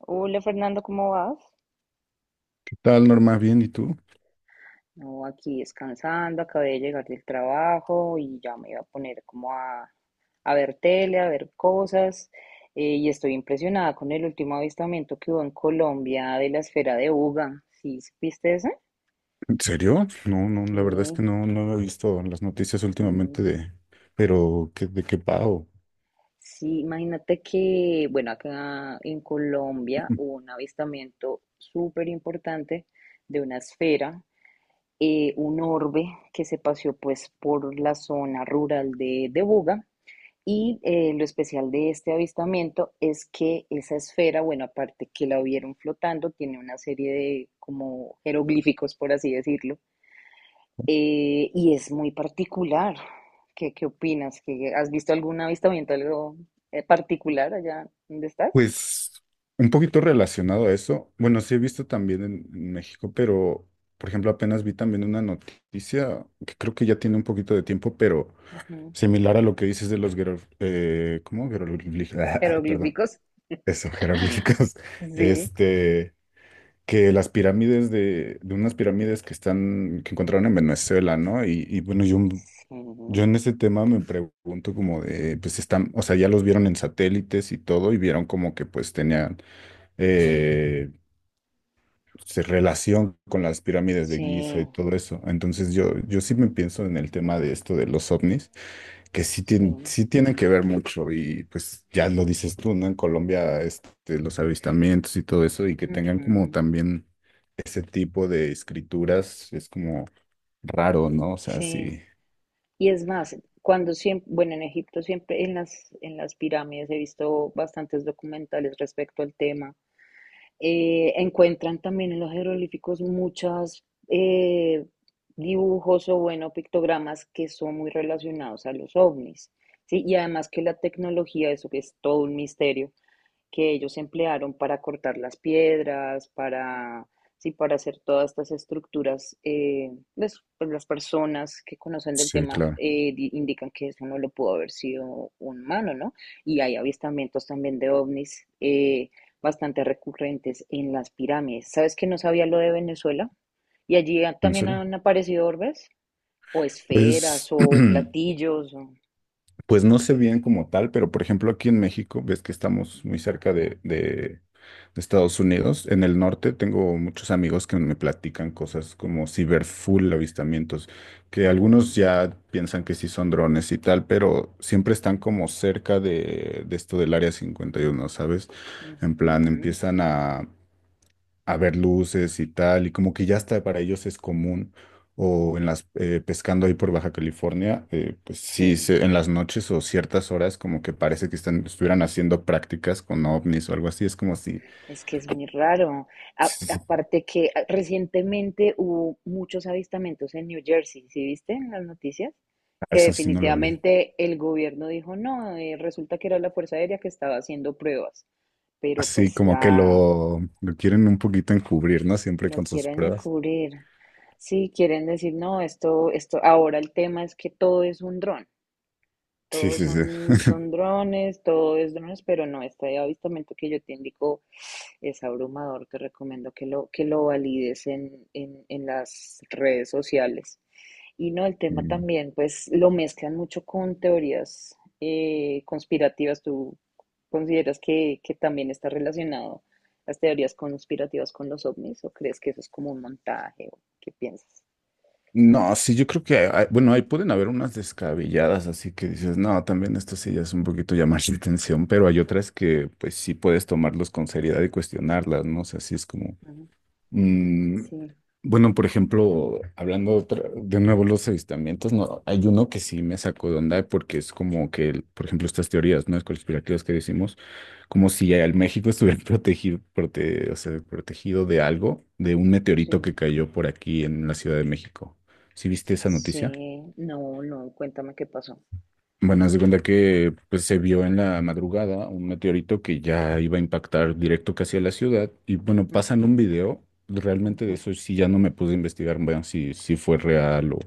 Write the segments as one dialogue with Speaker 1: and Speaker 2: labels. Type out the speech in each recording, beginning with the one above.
Speaker 1: Hola Fernando, ¿cómo vas?
Speaker 2: Tal, Norma, bien, ¿y tú?
Speaker 1: No, aquí descansando, acabé de llegar del trabajo y ya me iba a poner como a ver tele, a ver cosas. Y estoy impresionada con el último avistamiento que hubo en Colombia de la esfera de Uga. ¿Sí supiste eso?
Speaker 2: ¿En serio? No,
Speaker 1: Sí,
Speaker 2: la verdad es que no he visto las noticias últimamente
Speaker 1: sí.
Speaker 2: pero ¿de qué pago?
Speaker 1: Sí, imagínate que, bueno, acá en Colombia hubo un avistamiento súper importante de una esfera, un orbe que se paseó pues por la zona rural de Buga. Y lo especial de este avistamiento es que esa esfera, bueno, aparte que la vieron flotando, tiene una serie de como jeroglíficos, por así decirlo, y es muy particular. ¿Qué opinas? ¿Has visto algún avistamiento, algo particular allá donde estás?
Speaker 2: Pues un poquito relacionado a eso. Bueno, sí he visto también en México, pero por ejemplo, apenas vi también una noticia que creo que ya tiene un poquito de tiempo, pero
Speaker 1: Ujú.
Speaker 2: similar a lo que dices de los guerreros, ¿cómo? Jeroglíficos, perdón,
Speaker 1: Jeroglíficos.
Speaker 2: eso, jeroglíficos.
Speaker 1: Sí.
Speaker 2: Este. Que las pirámides de unas pirámides que están, que encontraron en Venezuela, ¿no? Y bueno, yo,
Speaker 1: Sí.
Speaker 2: yo en ese tema me pregunto como de, pues están, o sea, ya los vieron en satélites y todo, y vieron como que pues tenían eh, relación con las pirámides de Giza
Speaker 1: Sí.
Speaker 2: y todo eso. Entonces yo sí me pienso en el tema de esto de los ovnis, que
Speaker 1: Sí.
Speaker 2: sí tienen que ver mucho, y pues ya lo dices tú, ¿no? En Colombia, este, los avistamientos y todo eso, y que tengan como
Speaker 1: Ujú.
Speaker 2: también ese tipo de escrituras es como raro, ¿no? O sea,
Speaker 1: Sí,
Speaker 2: sí.
Speaker 1: y es más, cuando siempre, bueno, en Egipto siempre en las pirámides he visto bastantes documentales respecto al tema. Encuentran también en los jeroglíficos muchos dibujos o, bueno, pictogramas que son muy relacionados a los ovnis, ¿sí? Y además que la tecnología, eso que es todo un misterio, que ellos emplearon para cortar las piedras, sí, para hacer todas estas estructuras. Pues las personas que conocen del
Speaker 2: Sí,
Speaker 1: tema
Speaker 2: claro.
Speaker 1: indican que eso no lo pudo haber sido un humano, ¿no? Y hay avistamientos también de ovnis bastante recurrentes en las pirámides. ¿Sabes que no sabía lo de Venezuela? Y allí
Speaker 2: ¿En
Speaker 1: también
Speaker 2: serio?
Speaker 1: han aparecido orbes, o esferas,
Speaker 2: Pues,
Speaker 1: o platillos.
Speaker 2: pues no sé bien como tal, pero por ejemplo aquí en México, ves que
Speaker 1: Ujú,
Speaker 2: estamos muy cerca de Estados Unidos. En el norte tengo muchos amigos que me platican cosas como ciberfull avistamientos, que algunos
Speaker 1: ujú,
Speaker 2: ya piensan que sí son drones y tal, pero siempre están como cerca de esto del área 51, ¿sabes?
Speaker 1: ujú,
Speaker 2: En plan,
Speaker 1: ujú.
Speaker 2: empiezan a ver luces y tal, y como que ya hasta para ellos es común, o en las pescando ahí por Baja California, pues sí,
Speaker 1: Sí.
Speaker 2: se- en las noches o ciertas horas como que parece que estuvieran haciendo prácticas con ovnis o algo así, es como si,
Speaker 1: Es que es muy raro. Aparte que recientemente hubo muchos avistamientos en New Jersey, ¿sí viste en las noticias? Que
Speaker 2: eso sí no lo vi.
Speaker 1: definitivamente el gobierno dijo, no, resulta que era la Fuerza Aérea que estaba haciendo pruebas, pero
Speaker 2: Así
Speaker 1: pues
Speaker 2: como que
Speaker 1: la
Speaker 2: lo quieren un poquito encubrir, ¿no? Siempre
Speaker 1: lo
Speaker 2: con sus
Speaker 1: quieren
Speaker 2: pruebas.
Speaker 1: encubrir. Sí, quieren decir, no, esto, ahora el tema es que todo es un dron.
Speaker 2: Sí,
Speaker 1: Todos
Speaker 2: sí, sí.
Speaker 1: son drones, todo es drones, pero no, este avistamiento que yo te indico es abrumador. Te recomiendo que lo valides en las redes sociales. Y no, el tema
Speaker 2: Mm.
Speaker 1: también, pues lo mezclan mucho con teorías conspirativas. ¿Tú consideras que también está relacionado las teorías conspirativas con los ovnis o crees que eso es como un montaje o qué piensas?
Speaker 2: No, sí, yo creo que, hay- bueno, ahí pueden haber unas descabelladas, así que dices, no, también esto sí ya es un poquito llamar la atención, pero hay otras que pues sí puedes tomarlos con seriedad y cuestionarlas, ¿no? O sea, sí es como,
Speaker 1: Ujú.
Speaker 2: mm,
Speaker 1: Sí,
Speaker 2: bueno, por ejemplo, de nuevo los avistamientos, no, hay uno que sí me sacó de onda porque es como que, por ejemplo, estas teorías, ¿no? Conspirativas que decimos, como si el México estuviera o sea, protegido de algo, de un meteorito
Speaker 1: sí,
Speaker 2: que cayó por aquí en la Ciudad de México. ¿Sí viste esa noticia?
Speaker 1: sí, no, no, cuéntame qué pasó.
Speaker 2: Bueno, haz de cuenta que pues, se vio en la madrugada un meteorito que ya iba a impactar directo casi a la ciudad. Y bueno,
Speaker 1: Ujú,
Speaker 2: pasan un video. Realmente de eso sí ya no me pude investigar, bueno, si fue real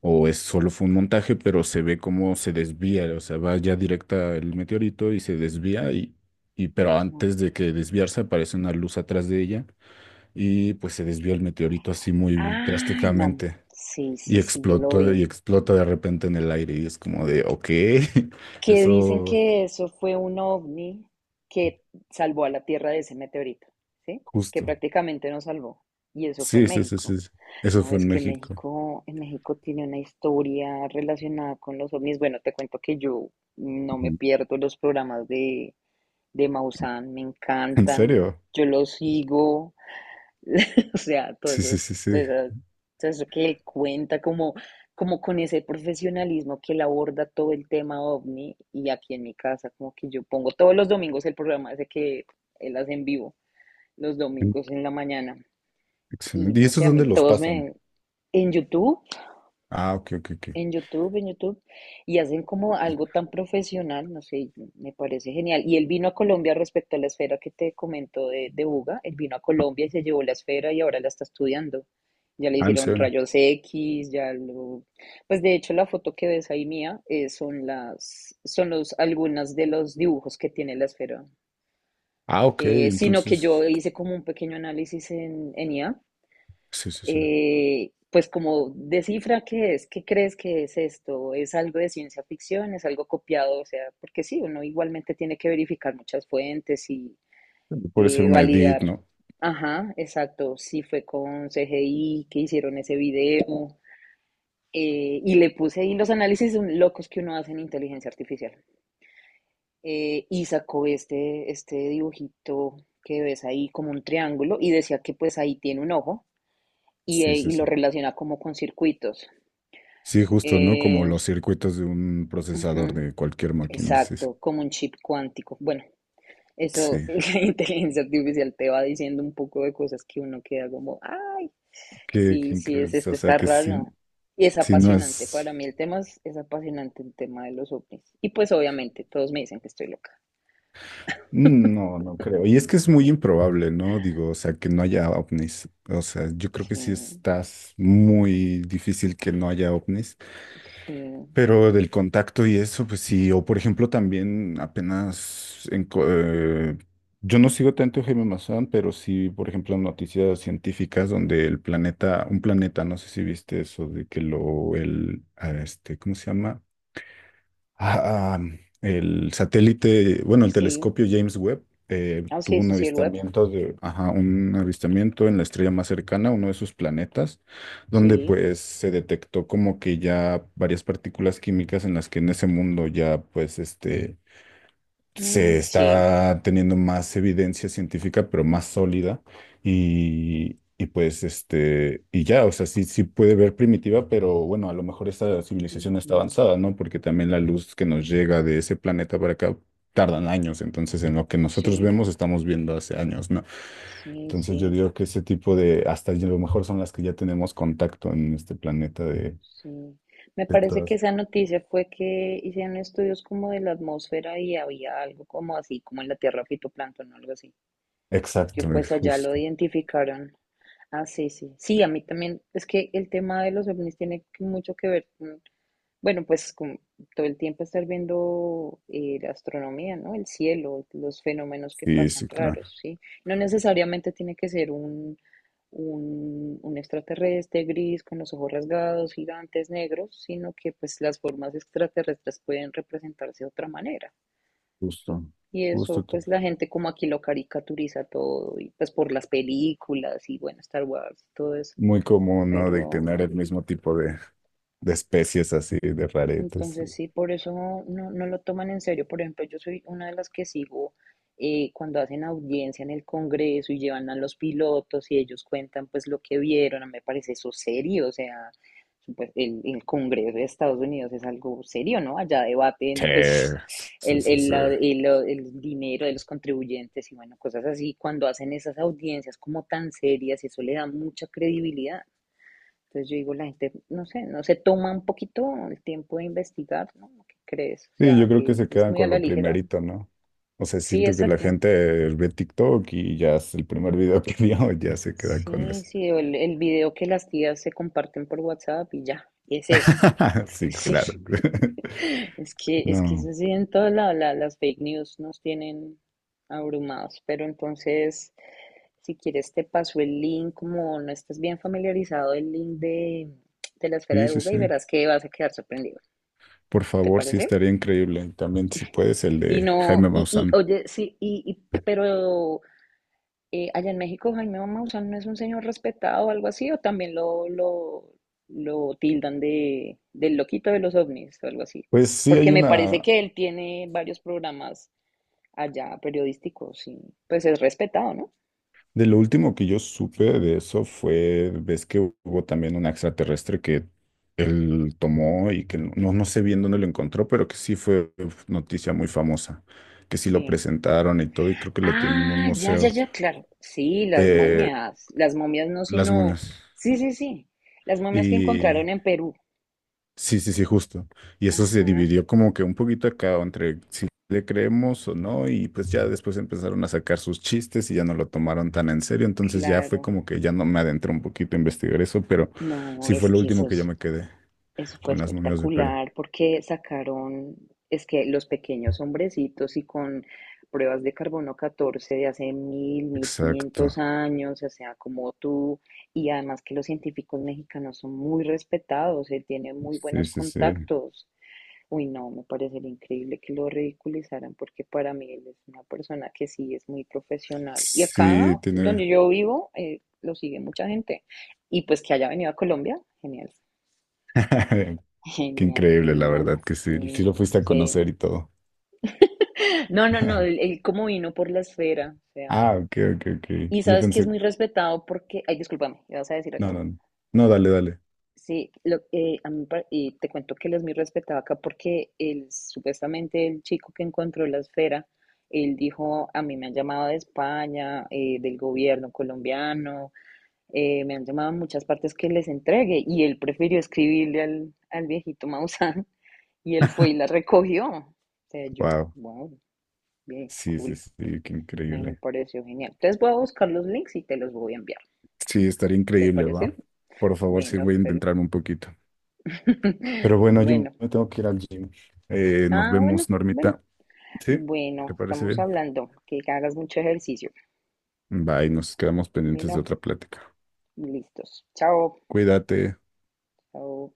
Speaker 2: o es, solo fue un montaje, pero se ve cómo se desvía, o sea, va ya directa el meteorito y se desvía, y pero
Speaker 1: ujú, ujú.
Speaker 2: antes de que desviarse aparece una luz atrás de ella y pues se desvía el meteorito así muy
Speaker 1: Ay, no.
Speaker 2: drásticamente.
Speaker 1: Sí, sí,
Speaker 2: Y
Speaker 1: sí, yo lo
Speaker 2: explotó
Speaker 1: vi.
Speaker 2: y explota de repente en el aire y es como de, ok,
Speaker 1: Que dicen
Speaker 2: eso
Speaker 1: que eso fue un ovni que salvó a la Tierra de ese meteorito, ¿sí? Que
Speaker 2: justo.
Speaker 1: prácticamente nos salvó. Y eso fue en
Speaker 2: Sí, sí, sí,
Speaker 1: México.
Speaker 2: sí, sí. Eso
Speaker 1: No,
Speaker 2: fue
Speaker 1: es
Speaker 2: en
Speaker 1: que
Speaker 2: México.
Speaker 1: México, en México tiene una historia relacionada con los ovnis. Bueno, te cuento que yo no me
Speaker 2: Ujú.
Speaker 1: pierdo los programas de Maussan, me
Speaker 2: ¿En
Speaker 1: encantan.
Speaker 2: serio?
Speaker 1: Yo los sigo. O sea, todo
Speaker 2: Sí,
Speaker 1: eso,
Speaker 2: sí, sí,
Speaker 1: todo
Speaker 2: sí.
Speaker 1: eso, todo eso que él cuenta, como con ese profesionalismo que él aborda todo el tema ovni y aquí en mi casa, como que yo pongo todos los domingos el programa ese que él hace en vivo, los
Speaker 2: Mm,
Speaker 1: domingos en la mañana. Y
Speaker 2: excelente. ¿Y
Speaker 1: no
Speaker 2: esos
Speaker 1: sé, a
Speaker 2: dónde
Speaker 1: mí
Speaker 2: los
Speaker 1: todos
Speaker 2: pasan?
Speaker 1: me... En YouTube
Speaker 2: Ah, ok, ok, ok.
Speaker 1: en YouTube, y hacen como algo tan profesional, no sé, me parece genial. Y él vino a Colombia respecto a la esfera que te comento de Buga, él vino a Colombia y se llevó la esfera y ahora la está estudiando. Ya le
Speaker 2: Ah, ¿en
Speaker 1: hicieron
Speaker 2: serio?
Speaker 1: rayos X, ya lo... Pues de hecho la foto que ves ahí mía, son las, son los, algunas de los dibujos que tiene la esfera.
Speaker 2: Ah, ok,
Speaker 1: Sino que yo
Speaker 2: entonces,
Speaker 1: hice como un pequeño análisis en IA,
Speaker 2: sí, sí, sí.
Speaker 1: pues como descifra qué es, qué crees que es esto, es algo de ciencia ficción, es algo copiado, o sea, porque sí, uno igualmente tiene que verificar muchas fuentes y
Speaker 2: Puede ser una edit,
Speaker 1: validar.
Speaker 2: ¿no?
Speaker 1: Ajá, exacto, si fue con CGI, que hicieron ese video. Y le puse ahí los análisis locos que uno hace en inteligencia artificial. Y sacó este dibujito que ves ahí como un triángulo y decía que pues ahí tiene un ojo y,
Speaker 2: Sí,
Speaker 1: eh,
Speaker 2: sí,
Speaker 1: y lo
Speaker 2: sí.
Speaker 1: relaciona como con circuitos.
Speaker 2: Sí, justo, ¿no? Como
Speaker 1: Eh,
Speaker 2: los circuitos de un procesador
Speaker 1: Ujú,
Speaker 2: de cualquier máquina, sí. Sí,
Speaker 1: exacto, como un chip cuántico. Bueno, eso,
Speaker 2: sí,
Speaker 1: la inteligencia artificial te va diciendo un poco de cosas que uno queda como, ay,
Speaker 2: qué, qué
Speaker 1: sí, sí,
Speaker 2: increíble.
Speaker 1: es
Speaker 2: O
Speaker 1: esto,
Speaker 2: sea,
Speaker 1: está
Speaker 2: que si,
Speaker 1: raro. Y es
Speaker 2: si no
Speaker 1: apasionante,
Speaker 2: es...
Speaker 1: para mí el tema es apasionante, el tema de los ovnis. Y pues obviamente todos me dicen que estoy loca.
Speaker 2: mm, no, no creo. Y es que es muy improbable, ¿no? Digo, o sea, que no haya ovnis. O sea, yo creo que
Speaker 1: Sí,
Speaker 2: sí estás muy difícil que no haya ovnis.
Speaker 1: sí,
Speaker 2: Pero del contacto y eso, pues sí, o por ejemplo también apenas, yo no sigo tanto a Jaime Maussan, pero sí, por ejemplo, noticias científicas donde un planeta, no sé si viste eso, de que ah, este, ¿cómo se llama? Ah, ah, bueno, el
Speaker 1: sí.
Speaker 2: telescopio James Webb
Speaker 1: Ah,
Speaker 2: tuvo
Speaker 1: sí,
Speaker 2: un
Speaker 1: sí, sí, el web.
Speaker 2: avistamiento de, ajá, un avistamiento en la estrella más cercana, uno de sus planetas, donde
Speaker 1: Sí.
Speaker 2: pues se detectó como que ya varias partículas químicas en las que en ese mundo ya pues este
Speaker 1: Mm,
Speaker 2: se
Speaker 1: sí,
Speaker 2: está teniendo más evidencia científica, pero más sólida. Y pues, este, y ya, o sea, sí, sí puede ver primitiva, pero bueno, a lo mejor esta civilización
Speaker 1: ujú,
Speaker 2: está avanzada, ¿no? Porque también la luz que nos llega de ese planeta para acá tardan años. Entonces, en lo que nosotros
Speaker 1: sí,
Speaker 2: vemos, estamos viendo hace años, ¿no?
Speaker 1: sí,
Speaker 2: Entonces, yo
Speaker 1: sí.
Speaker 2: digo que ese tipo de, hasta a lo mejor son las que ya tenemos contacto en este planeta
Speaker 1: Sí, me
Speaker 2: de
Speaker 1: parece que
Speaker 2: todas.
Speaker 1: esa noticia fue que hicieron estudios como de la atmósfera y había algo como así, como en la tierra fitoplancton o algo así, y que
Speaker 2: Exacto,
Speaker 1: pues allá lo
Speaker 2: justo.
Speaker 1: identificaron. Ah, sí, sí. Sí, a mí también, es que el tema de los ovnis mucho que ver, bueno, pues con todo el tiempo estar viendo la astronomía, ¿no? El cielo, los fenómenos que
Speaker 2: Sí,
Speaker 1: pasan
Speaker 2: sí, claro.
Speaker 1: raros, ¿sí? No necesariamente tiene que ser un extraterrestre gris con los ojos rasgados, gigantes, negros, sino que pues las formas extraterrestres pueden representarse de otra manera, ¿sí?
Speaker 2: Justo,
Speaker 1: Y
Speaker 2: justo.
Speaker 1: eso pues la gente como aquí lo caricaturiza todo, y pues por las películas y bueno, Star Wars todo eso,
Speaker 2: Muy común, ¿no? De
Speaker 1: pero...
Speaker 2: tener el mismo tipo de especies así, de raretes.
Speaker 1: Entonces, sí, por eso no, no, no lo toman en serio. Por ejemplo, yo soy una de las que sigo cuando hacen audiencia en el Congreso y llevan a los pilotos y ellos cuentan pues lo que vieron. A mí me parece eso serio. O sea, pues, el Congreso de Estados Unidos es algo serio, ¿no? Allá
Speaker 2: Sí,
Speaker 1: debaten pues
Speaker 2: sí,
Speaker 1: el,
Speaker 2: sí,
Speaker 1: el,
Speaker 2: sí.
Speaker 1: la- el- el dinero de los contribuyentes y bueno, cosas así. Cuando hacen esas audiencias como tan serias, eso le da mucha credibilidad. Entonces yo digo, la gente, no sé, no se toma un poquito el tiempo de investigar, ¿no? ¿Qué crees? O
Speaker 2: Sí, yo
Speaker 1: sea,
Speaker 2: creo que
Speaker 1: que
Speaker 2: se
Speaker 1: es
Speaker 2: quedan
Speaker 1: muy a
Speaker 2: con
Speaker 1: la
Speaker 2: lo
Speaker 1: ligera.
Speaker 2: primerito, ¿no? O sea,
Speaker 1: Sí,
Speaker 2: siento que la
Speaker 1: exacto.
Speaker 2: gente ve TikTok y ya es el primer video que vio, ya se queda con
Speaker 1: Sí,
Speaker 2: eso.
Speaker 1: sí, o el video que las tías se comparten por WhatsApp y ya, es eso.
Speaker 2: Sí,
Speaker 1: Sí.
Speaker 2: claro.
Speaker 1: Es que
Speaker 2: No,
Speaker 1: eso sí, en todas las fake news nos tienen abrumados, pero entonces, si quieres, te paso el link, como no estés bien familiarizado, el link de la esfera
Speaker 2: sí,
Speaker 1: de
Speaker 2: sí,
Speaker 1: Buga
Speaker 2: sí.
Speaker 1: y verás que vas a quedar sorprendido.
Speaker 2: Por
Speaker 1: ¿Te
Speaker 2: favor, sí
Speaker 1: parece?
Speaker 2: estaría increíble. También, si puedes, el
Speaker 1: Y
Speaker 2: de Jaime
Speaker 1: no, y
Speaker 2: Maussan.
Speaker 1: oye, sí, pero allá en México Jaime Maussan no es un señor respetado o algo así, o también lo tildan del loquito de los ovnis o algo así.
Speaker 2: Pues sí,
Speaker 1: Porque
Speaker 2: hay
Speaker 1: me parece
Speaker 2: una.
Speaker 1: que él tiene varios programas allá periodísticos y pues es respetado, ¿no?
Speaker 2: De lo último que yo supe de eso fue, ves que hubo también un extraterrestre que él tomó y que no, no sé bien dónde lo encontró, pero que sí fue uf, noticia muy famosa, que sí lo
Speaker 1: Sí.
Speaker 2: presentaron y todo, y creo que lo tienen en un
Speaker 1: Ah, ya, ya,
Speaker 2: museo,
Speaker 1: ya, claro. Sí, las
Speaker 2: eh,
Speaker 1: momias. Las momias no,
Speaker 2: las
Speaker 1: sino...
Speaker 2: momias.
Speaker 1: Sí, sí, sí. Las momias que
Speaker 2: Y
Speaker 1: encontraron en Perú.
Speaker 2: sí, sí, sí, justo. Y eso se
Speaker 1: Ajá,
Speaker 2: dividió como que un poquito acá entre si le creemos o no, y pues ya después empezaron a sacar sus chistes y ya no lo tomaron tan en serio, entonces ya fue
Speaker 1: claro.
Speaker 2: como que ya no me adentré un poquito a investigar eso, pero
Speaker 1: No,
Speaker 2: sí fue
Speaker 1: es
Speaker 2: lo
Speaker 1: que
Speaker 2: último
Speaker 1: eso.
Speaker 2: que yo me quedé
Speaker 1: Eso fue
Speaker 2: con las momias de Perú.
Speaker 1: espectacular porque sacaron, es que los pequeños hombrecitos y con pruebas de carbono 14 de hace 1000, mil
Speaker 2: Exacto.
Speaker 1: quinientos años, o sea, como tú, y además que los científicos mexicanos son muy respetados, él tiene muy
Speaker 2: Sí,
Speaker 1: buenos
Speaker 2: sí, sí.
Speaker 1: contactos. Uy, no, me parecería increíble que lo ridiculizaran porque para mí él es una persona que sí es muy profesional. Y acá,
Speaker 2: Sí, tiene...
Speaker 1: donde yo vivo, lo sigue mucha gente. Y pues que haya venido a Colombia, genial.
Speaker 2: Qué
Speaker 1: Genial,
Speaker 2: increíble, la
Speaker 1: genial,
Speaker 2: verdad, que sí, sí
Speaker 1: sí,
Speaker 2: lo fuiste a
Speaker 1: sí.
Speaker 2: conocer y todo.
Speaker 1: No, no, no, el, el cómo vino por la esfera, o sea,
Speaker 2: Ah, ok, ok, ok.
Speaker 1: y
Speaker 2: Yo
Speaker 1: sabes que es
Speaker 2: pensé...
Speaker 1: muy respetado porque, ay, discúlpame, ¿vas a decir
Speaker 2: No,
Speaker 1: algo?
Speaker 2: no, no, no, dale, dale.
Speaker 1: Sí, lo, a mí me y te cuento que él es muy respetado acá porque él, supuestamente el chico que encontró la esfera, él dijo, a mí me han llamado de España, del gobierno colombiano, me han llamado a muchas partes que les entregue y él prefirió escribirle al viejito Maussan. Y él fue y la recogió. O sea, yo,
Speaker 2: Wow.
Speaker 1: wow, bien,
Speaker 2: Sí, sí,
Speaker 1: cool.
Speaker 2: sí, qué
Speaker 1: Me
Speaker 2: increíble.
Speaker 1: pareció genial. Entonces voy a buscar los links y te los voy a enviar.
Speaker 2: Sí, estaría
Speaker 1: ¿Te
Speaker 2: increíble,
Speaker 1: parece?
Speaker 2: ¿va? Por favor, sí,
Speaker 1: Bueno,
Speaker 2: voy a
Speaker 1: pero.
Speaker 2: intentar un poquito. Pero bueno, yo
Speaker 1: Bueno.
Speaker 2: me tengo que ir al gym. Nos
Speaker 1: Ah, bueno,
Speaker 2: vemos,
Speaker 1: bueno.
Speaker 2: Normita. ¿Sí? ¿Te
Speaker 1: Bueno,
Speaker 2: parece
Speaker 1: estamos
Speaker 2: bien?
Speaker 1: hablando. Que hagas mucho ejercicio.
Speaker 2: Bye, nos quedamos pendientes de
Speaker 1: Bueno,
Speaker 2: otra plática.
Speaker 1: listos. Chao.
Speaker 2: Cuídate.
Speaker 1: Chao.